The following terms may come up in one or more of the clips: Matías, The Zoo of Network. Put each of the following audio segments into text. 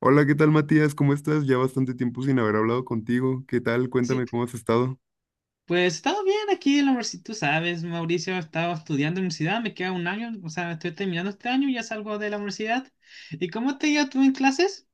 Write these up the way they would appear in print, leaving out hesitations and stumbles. Hola, ¿qué tal Matías? ¿Cómo estás? Ya bastante tiempo sin haber hablado contigo. ¿Qué tal? Sí, Cuéntame cómo has estado. pues he estado bien aquí en la universidad, tú sabes, Mauricio, he estado estudiando en la universidad, me queda un año, o sea, estoy terminando este año y ya salgo de la universidad. ¿Y cómo te iba tú en clases?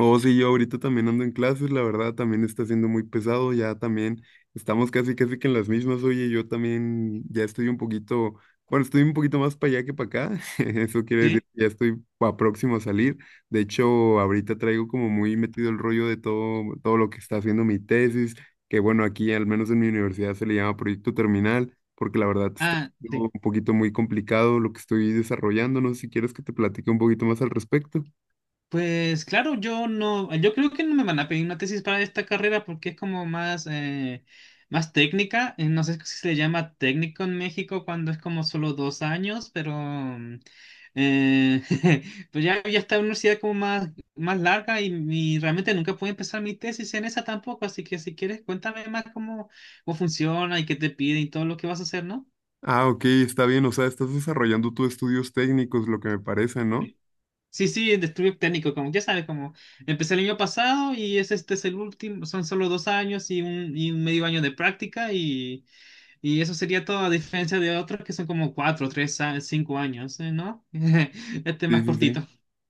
Oh, sí, yo ahorita también ando en clases, la verdad también está siendo muy pesado, ya también estamos casi casi que en las mismas. Oye, yo también ya estoy un poquito, bueno, estoy un poquito más para allá que para acá. Eso quiere decir Sí. que ya estoy próximo a salir. De hecho, ahorita traigo como muy metido el rollo de todo lo que está haciendo mi tesis, que bueno, aquí al menos en mi universidad se le llama proyecto terminal, porque la verdad está Ah, sí. siendo un poquito muy complicado lo que estoy desarrollando. No sé si quieres que te platique un poquito más al respecto. Pues claro, yo creo que no me van a pedir una tesis para esta carrera porque es como más, más técnica. No sé si se le llama técnico en México cuando es como solo dos años, pero eh, pues ya está en una universidad como más, más larga y realmente nunca pude empezar mi tesis en esa tampoco. Así que si quieres, cuéntame más cómo, cómo funciona y qué te pide y todo lo que vas a hacer, ¿no? Ah, ok, está bien, o sea, estás desarrollando tú estudios técnicos, lo que me parece, ¿no? Sí, sí, el estudio técnico, como ya sabes, como empecé el año pasado y es este es el último, son solo dos años y un medio año de práctica y eso sería todo a diferencia de otros que son como cuatro, tres, cinco años, ¿no? Este es Sí, más sí, sí. cortito.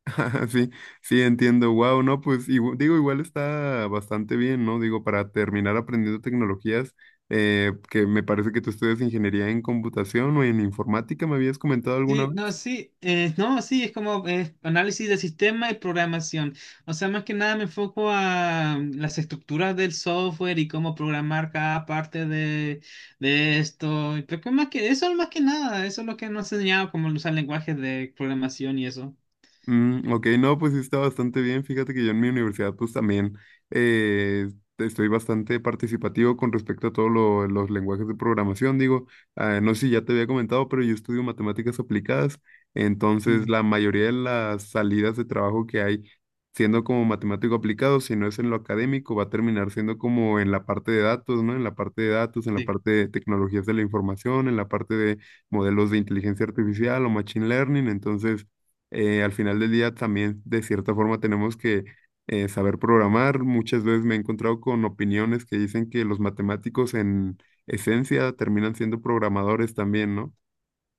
Sí, sí, entiendo. Wow, no, pues digo, igual está bastante bien, ¿no? Digo, para terminar aprendiendo tecnologías, que me parece que tú estudias ingeniería en computación o en informática, ¿me habías comentado alguna Sí, no, vez? sí, no, sí, es como análisis de sistema y programación. O sea, más que nada me enfoco a las estructuras del software y cómo programar cada parte de esto. Pero que más que eso, más que nada, eso es lo que nos ha enseñado, como usar lenguajes de programación y eso. Mm, ok, no, pues sí está bastante bien. Fíjate que yo en mi universidad pues también eh, estoy bastante participativo con respecto a todos los lenguajes de programación. Digo, ah, no sé si ya te había comentado, pero yo estudio matemáticas aplicadas. Entonces, Mm. la mayoría de las salidas de trabajo que hay, siendo como matemático aplicado, si no es en lo académico, va a terminar siendo como en la parte de datos, ¿no? En la parte de datos, en la Sí. parte de tecnologías de la información, en la parte de modelos de inteligencia artificial o machine learning. Entonces, al final del día también de cierta forma tenemos que saber programar. Muchas veces me he encontrado con opiniones que dicen que los matemáticos en esencia terminan siendo programadores también, ¿no?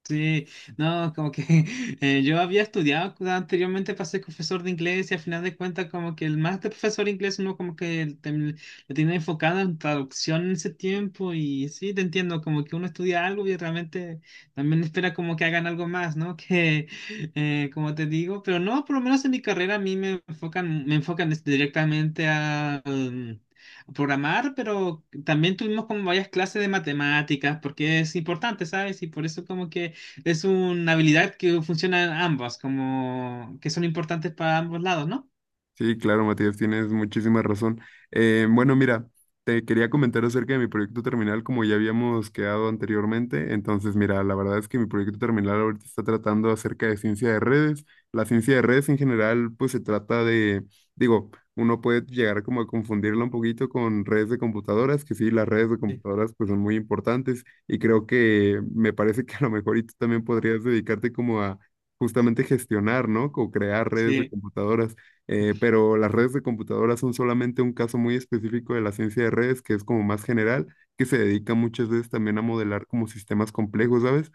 Sí, no, como que yo había estudiado anteriormente para ser profesor de inglés y al final de cuentas como que el máster profesor de inglés uno como que lo tiene enfocado en traducción en ese tiempo y sí, te entiendo, como que uno estudia algo y realmente también espera como que hagan algo más, ¿no? Que como te digo, pero no, por lo menos en mi carrera a mí me enfocan directamente a... a programar, pero también tuvimos como varias clases de matemáticas, porque es importante, ¿sabes? Y por eso como que es una habilidad que funciona en ambas, como que son importantes para ambos lados, ¿no? Sí, claro, Matías, tienes muchísima razón. Bueno, mira, te quería comentar acerca de mi proyecto terminal, como ya habíamos quedado anteriormente. Entonces, mira, la verdad es que mi proyecto terminal ahorita está tratando acerca de ciencia de redes. La ciencia de redes en general, pues se trata de, digo, uno puede llegar como a confundirla un poquito con redes de computadoras, que sí, las redes de Sí. computadoras pues son muy importantes y creo que me parece que a lo mejor y tú también podrías dedicarte como a justamente gestionar, ¿no? O crear redes de Sí. computadoras. Pero las redes de computadoras son solamente un caso muy específico de la ciencia de redes, que es como más general, que se dedica muchas veces también a modelar como sistemas complejos, ¿sabes?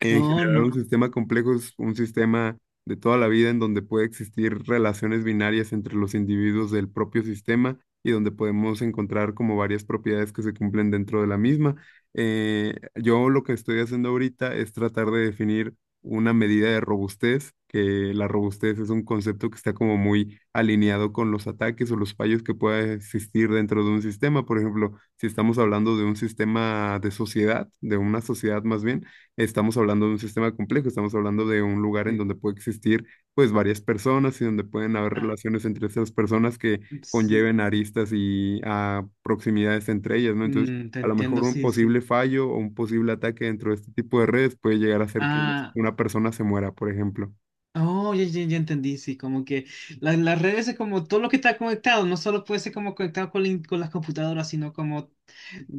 En Oh, general, un no. sistema complejo es un sistema de toda la vida en donde puede existir relaciones binarias entre los individuos del propio sistema y donde podemos encontrar como varias propiedades que se cumplen dentro de la misma. Yo lo que estoy haciendo ahorita es tratar de definir una medida de robustez, que la robustez es un concepto que está como muy alineado con los ataques o los fallos que pueda existir dentro de un sistema. Por ejemplo, si estamos hablando de un sistema de sociedad, de una sociedad más bien, estamos hablando de un sistema complejo, estamos hablando de un lugar en Sí. donde puede existir pues varias personas y donde pueden haber Ah, relaciones entre esas personas que sí. conlleven aristas y a proximidades entre ellas, ¿no? Entonces, Mm, te a lo entiendo, mejor un sí, sí. posible fallo o un posible ataque dentro de este tipo de redes puede llegar a hacer que Ah, una persona se muera, por ejemplo. oh, ya, ya, ya entendí, sí, como que las redes es como todo lo que está conectado, no solo puede ser como conectado con, con las computadoras, sino como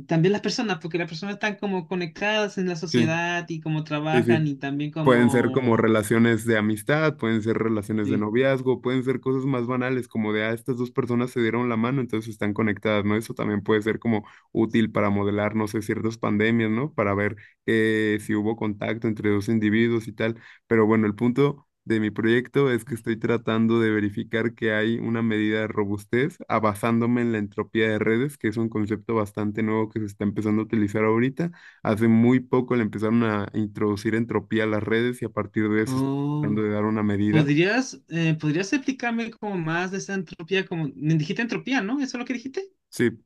también las personas, porque las personas están como conectadas en la Sí, sociedad y cómo sí, trabajan sí. y también Pueden ser como como... relaciones de amistad, pueden ser relaciones de Sí. noviazgo, pueden ser cosas más banales, como de, ah, estas dos personas se dieron la mano, entonces están conectadas, ¿no? Eso también puede ser como útil para modelar, no sé, ciertas pandemias, ¿no? Para ver si hubo contacto entre dos individuos y tal. Pero bueno, el punto de mi proyecto es que estoy tratando de verificar que hay una medida de robustez, ah, basándome en la entropía de redes, que es un concepto bastante nuevo que se está empezando a utilizar ahorita. Hace muy poco le empezaron a introducir entropía a las redes y a partir de eso están tratando de dar una medida. ¿Podrías, ¿podrías explicarme como más de esa entropía? Como, dijiste entropía, ¿no? ¿Eso es lo que dijiste? Sí.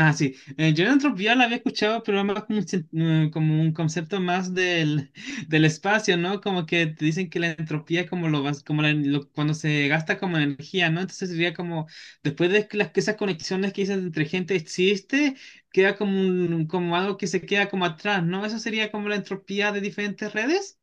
Ah, sí. Yo la entropía la había escuchado, pero más como como un concepto más del, del espacio, ¿no? Como que te dicen que la entropía es como, como cuando se gasta como energía, ¿no? Entonces sería como, después de que esas conexiones que dices entre gente existe, queda como, como algo que se queda como atrás, ¿no? Eso sería como la entropía de diferentes redes.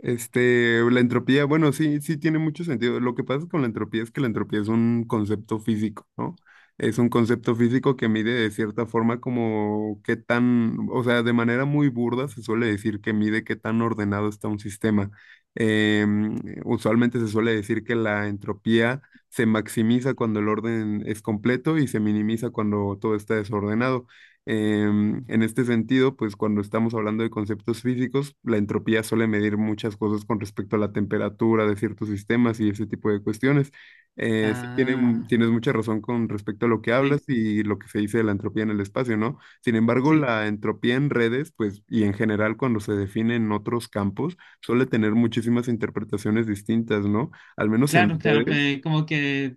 Este, la entropía, bueno, sí, sí tiene mucho sentido. Lo que pasa con la entropía es que la entropía es un concepto físico, ¿no? Es un concepto físico que mide de cierta forma como qué tan, o sea, de manera muy burda se suele decir que mide qué tan ordenado está un sistema. Em, Usualmente se suele decir que la entropía se maximiza cuando el orden es completo y se minimiza cuando todo está desordenado. En este sentido, pues cuando estamos hablando de conceptos físicos, la entropía suele medir muchas cosas con respecto a la temperatura de ciertos sistemas y ese tipo de cuestiones. Sí, tiene Ah, tienes mucha razón con respecto a lo que hablas sí, y lo que se dice de la entropía en el espacio, ¿no? Sin embargo, sí. la entropía en redes, pues, y en general cuando se define en otros campos, suele tener muchísimas interpretaciones distintas, ¿no? Al menos en Claro, claro, redes. pues,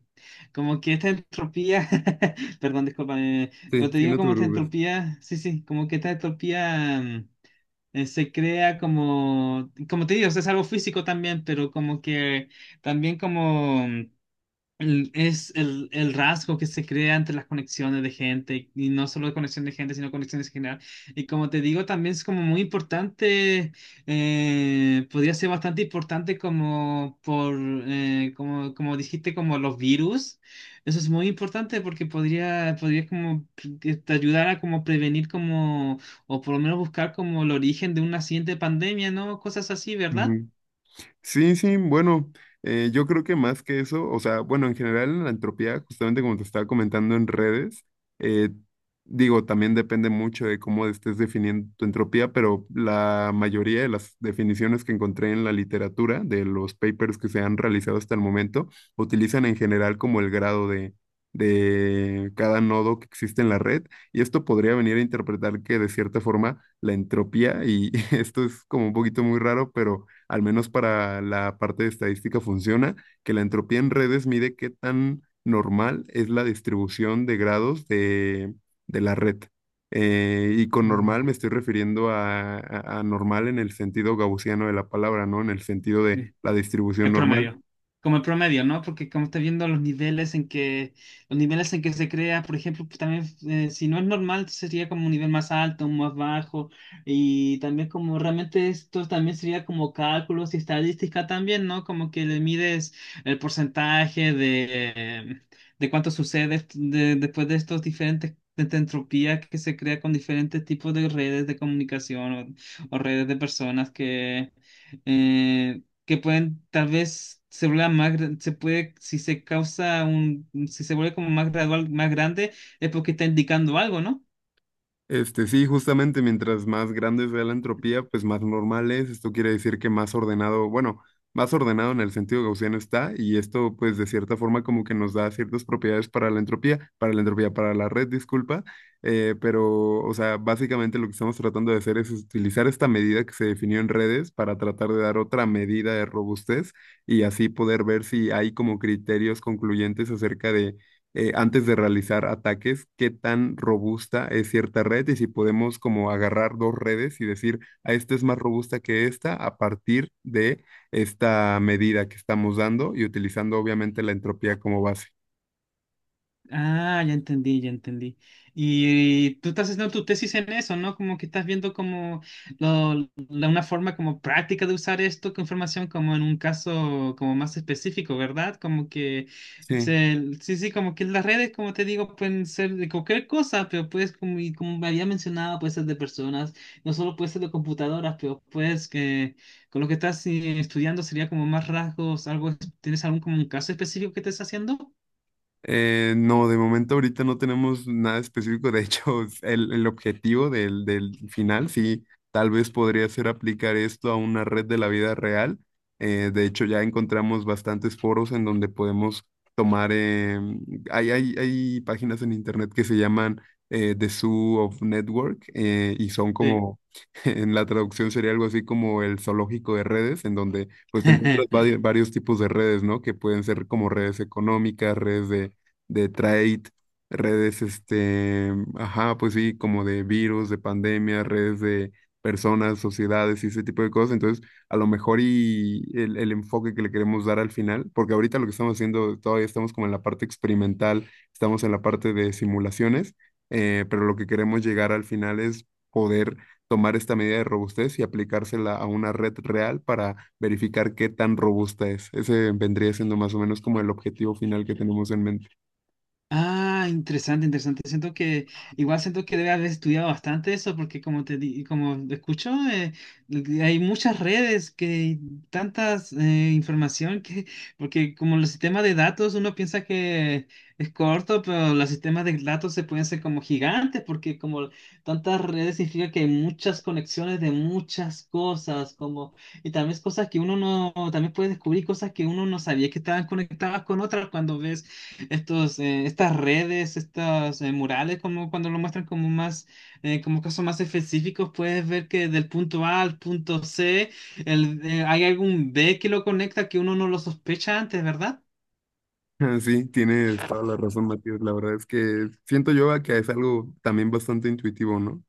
como que esta entropía, perdón, disculpa, pero Sí, te sí, digo no te como esta preocupes. entropía, sí, sí, como que esta entropía se crea como, como te digo, o sea, es algo físico también, pero como que también como es el rasgo que se crea entre las conexiones de gente, y no solo conexión de gente, sino conexiones en general. Y como te digo, también es como muy importante, podría ser bastante importante como por, como, como dijiste, como los virus. Eso es muy importante porque podría, podría como que te ayudar a como prevenir como, o por lo menos buscar como el origen de una siguiente pandemia, ¿no? Cosas así, ¿verdad? Sí, sí, bueno, yo creo que más que eso, o sea, bueno, en general en la entropía, justamente como te estaba comentando en redes, eh, digo, también depende mucho de cómo estés definiendo tu entropía, pero la mayoría de las definiciones que encontré en la literatura, de los papers que se han realizado hasta el momento, utilizan en general como el grado de cada nodo que existe en la red, y esto podría venir a interpretar que de cierta forma la entropía y esto es como un poquito muy raro, pero al menos para la parte de estadística funciona, que la entropía en redes mide qué tan normal es la distribución de grados de la red. Y con normal me estoy refiriendo a normal en el sentido gaussiano de la palabra, ¿no? En el sentido Mm. de la distribución El normal. promedio. Como el promedio, ¿no? Porque como estás viendo los niveles en que, los niveles en que se crea, por ejemplo, pues también si no es normal, sería como un nivel más alto, un más bajo, y también como realmente esto también sería como cálculos y estadística también, ¿no? Como que le mides el porcentaje de cuánto sucede después de estos diferentes de esta entropía que se crea con diferentes tipos de redes de comunicación o redes de personas eh, que pueden tal vez se vuelva más, se puede, si se causa un, si se vuelve como más gradual, más grande, es porque está indicando algo, ¿no? Este, sí, justamente mientras más grande sea la entropía, pues más normal es. Esto quiere decir que más ordenado, bueno, más ordenado en el sentido gaussiano está, y esto, pues, de cierta forma, como que nos da ciertas propiedades para la entropía, para la red, disculpa. Pero, o sea, básicamente lo que estamos tratando de hacer es utilizar esta medida que se definió en redes para tratar de dar otra medida de robustez y así poder ver si hay como criterios concluyentes acerca de antes de realizar ataques, qué tan robusta es cierta red y si podemos como agarrar dos redes y decir, a esta es más robusta que esta a partir de esta medida que estamos dando y utilizando obviamente la entropía como base. Ah, ya entendí, ya entendí. Y tú estás haciendo tu tesis en eso, ¿no? Como que estás viendo como lo- la, una forma como práctica de usar esto con información como en un caso como más específico, ¿verdad? Como que Sí. Sí, sí, como que las redes, como te digo, pueden ser de cualquier cosa, pero puedes, como, y como me había mencionado, puede ser de personas, no solo puede ser de computadoras, pero puedes que con lo que estás estudiando sería como más rasgos, algo, ¿tienes algún como un caso específico que estés haciendo? No, de momento ahorita no tenemos nada específico. De hecho, el objetivo del final, sí, tal vez podría ser aplicar esto a una red de la vida real. De hecho, ya encontramos bastantes foros en donde podemos tomar, hay páginas en internet que se llaman The Zoo of Network y son Sí. como, en la traducción sería algo así como el zoológico de redes, en donde pues te encuentras varios tipos de redes, ¿no? Que pueden ser como redes económicas, redes de trade, redes, este, ajá, pues sí, como de virus, de pandemia, redes de personas, sociedades y ese tipo de cosas. Entonces, a lo mejor y el enfoque que le queremos dar al final, porque ahorita lo que estamos haciendo, todavía estamos como en la parte experimental, estamos en la parte de simulaciones, pero lo que queremos llegar al final es poder tomar esta medida de robustez y aplicársela a una red real para verificar qué tan robusta es. Ese vendría siendo más o menos como el objetivo final que tenemos en mente. Ah, interesante, interesante. Siento que, igual siento que debe haber estudiado bastante eso, porque como como escucho, hay muchas redes que tantas información que, porque como los sistemas de datos, uno piensa que es corto, pero los sistemas de datos se pueden ser como gigantes, porque como tantas redes significa que hay muchas conexiones de muchas cosas, como, y también es cosas que uno no, también puede descubrir cosas que uno no sabía que estaban conectadas con otras cuando ves estos, estas redes, estos murales, como cuando lo muestran como más, como casos más específicos, puedes ver que del punto A al punto C, hay algún B que lo conecta que uno no lo sospecha antes, ¿verdad? Ah, sí, tienes toda la razón, Matías. La verdad es que siento yo a que es algo también bastante intuitivo, ¿no?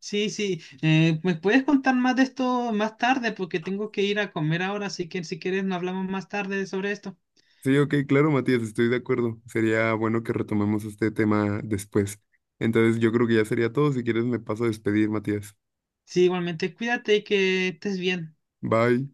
Sí, sí. ¿me puedes contar más de esto más tarde? Porque tengo que ir a comer ahora, así que si quieres, nos hablamos más tarde sobre esto. Sí, ok, claro, Matías, estoy de acuerdo. Sería bueno que retomemos este tema después. Entonces, yo creo que ya sería todo. Si quieres, me paso a despedir, Matías. Sí, igualmente, cuídate y que estés bien. Bye.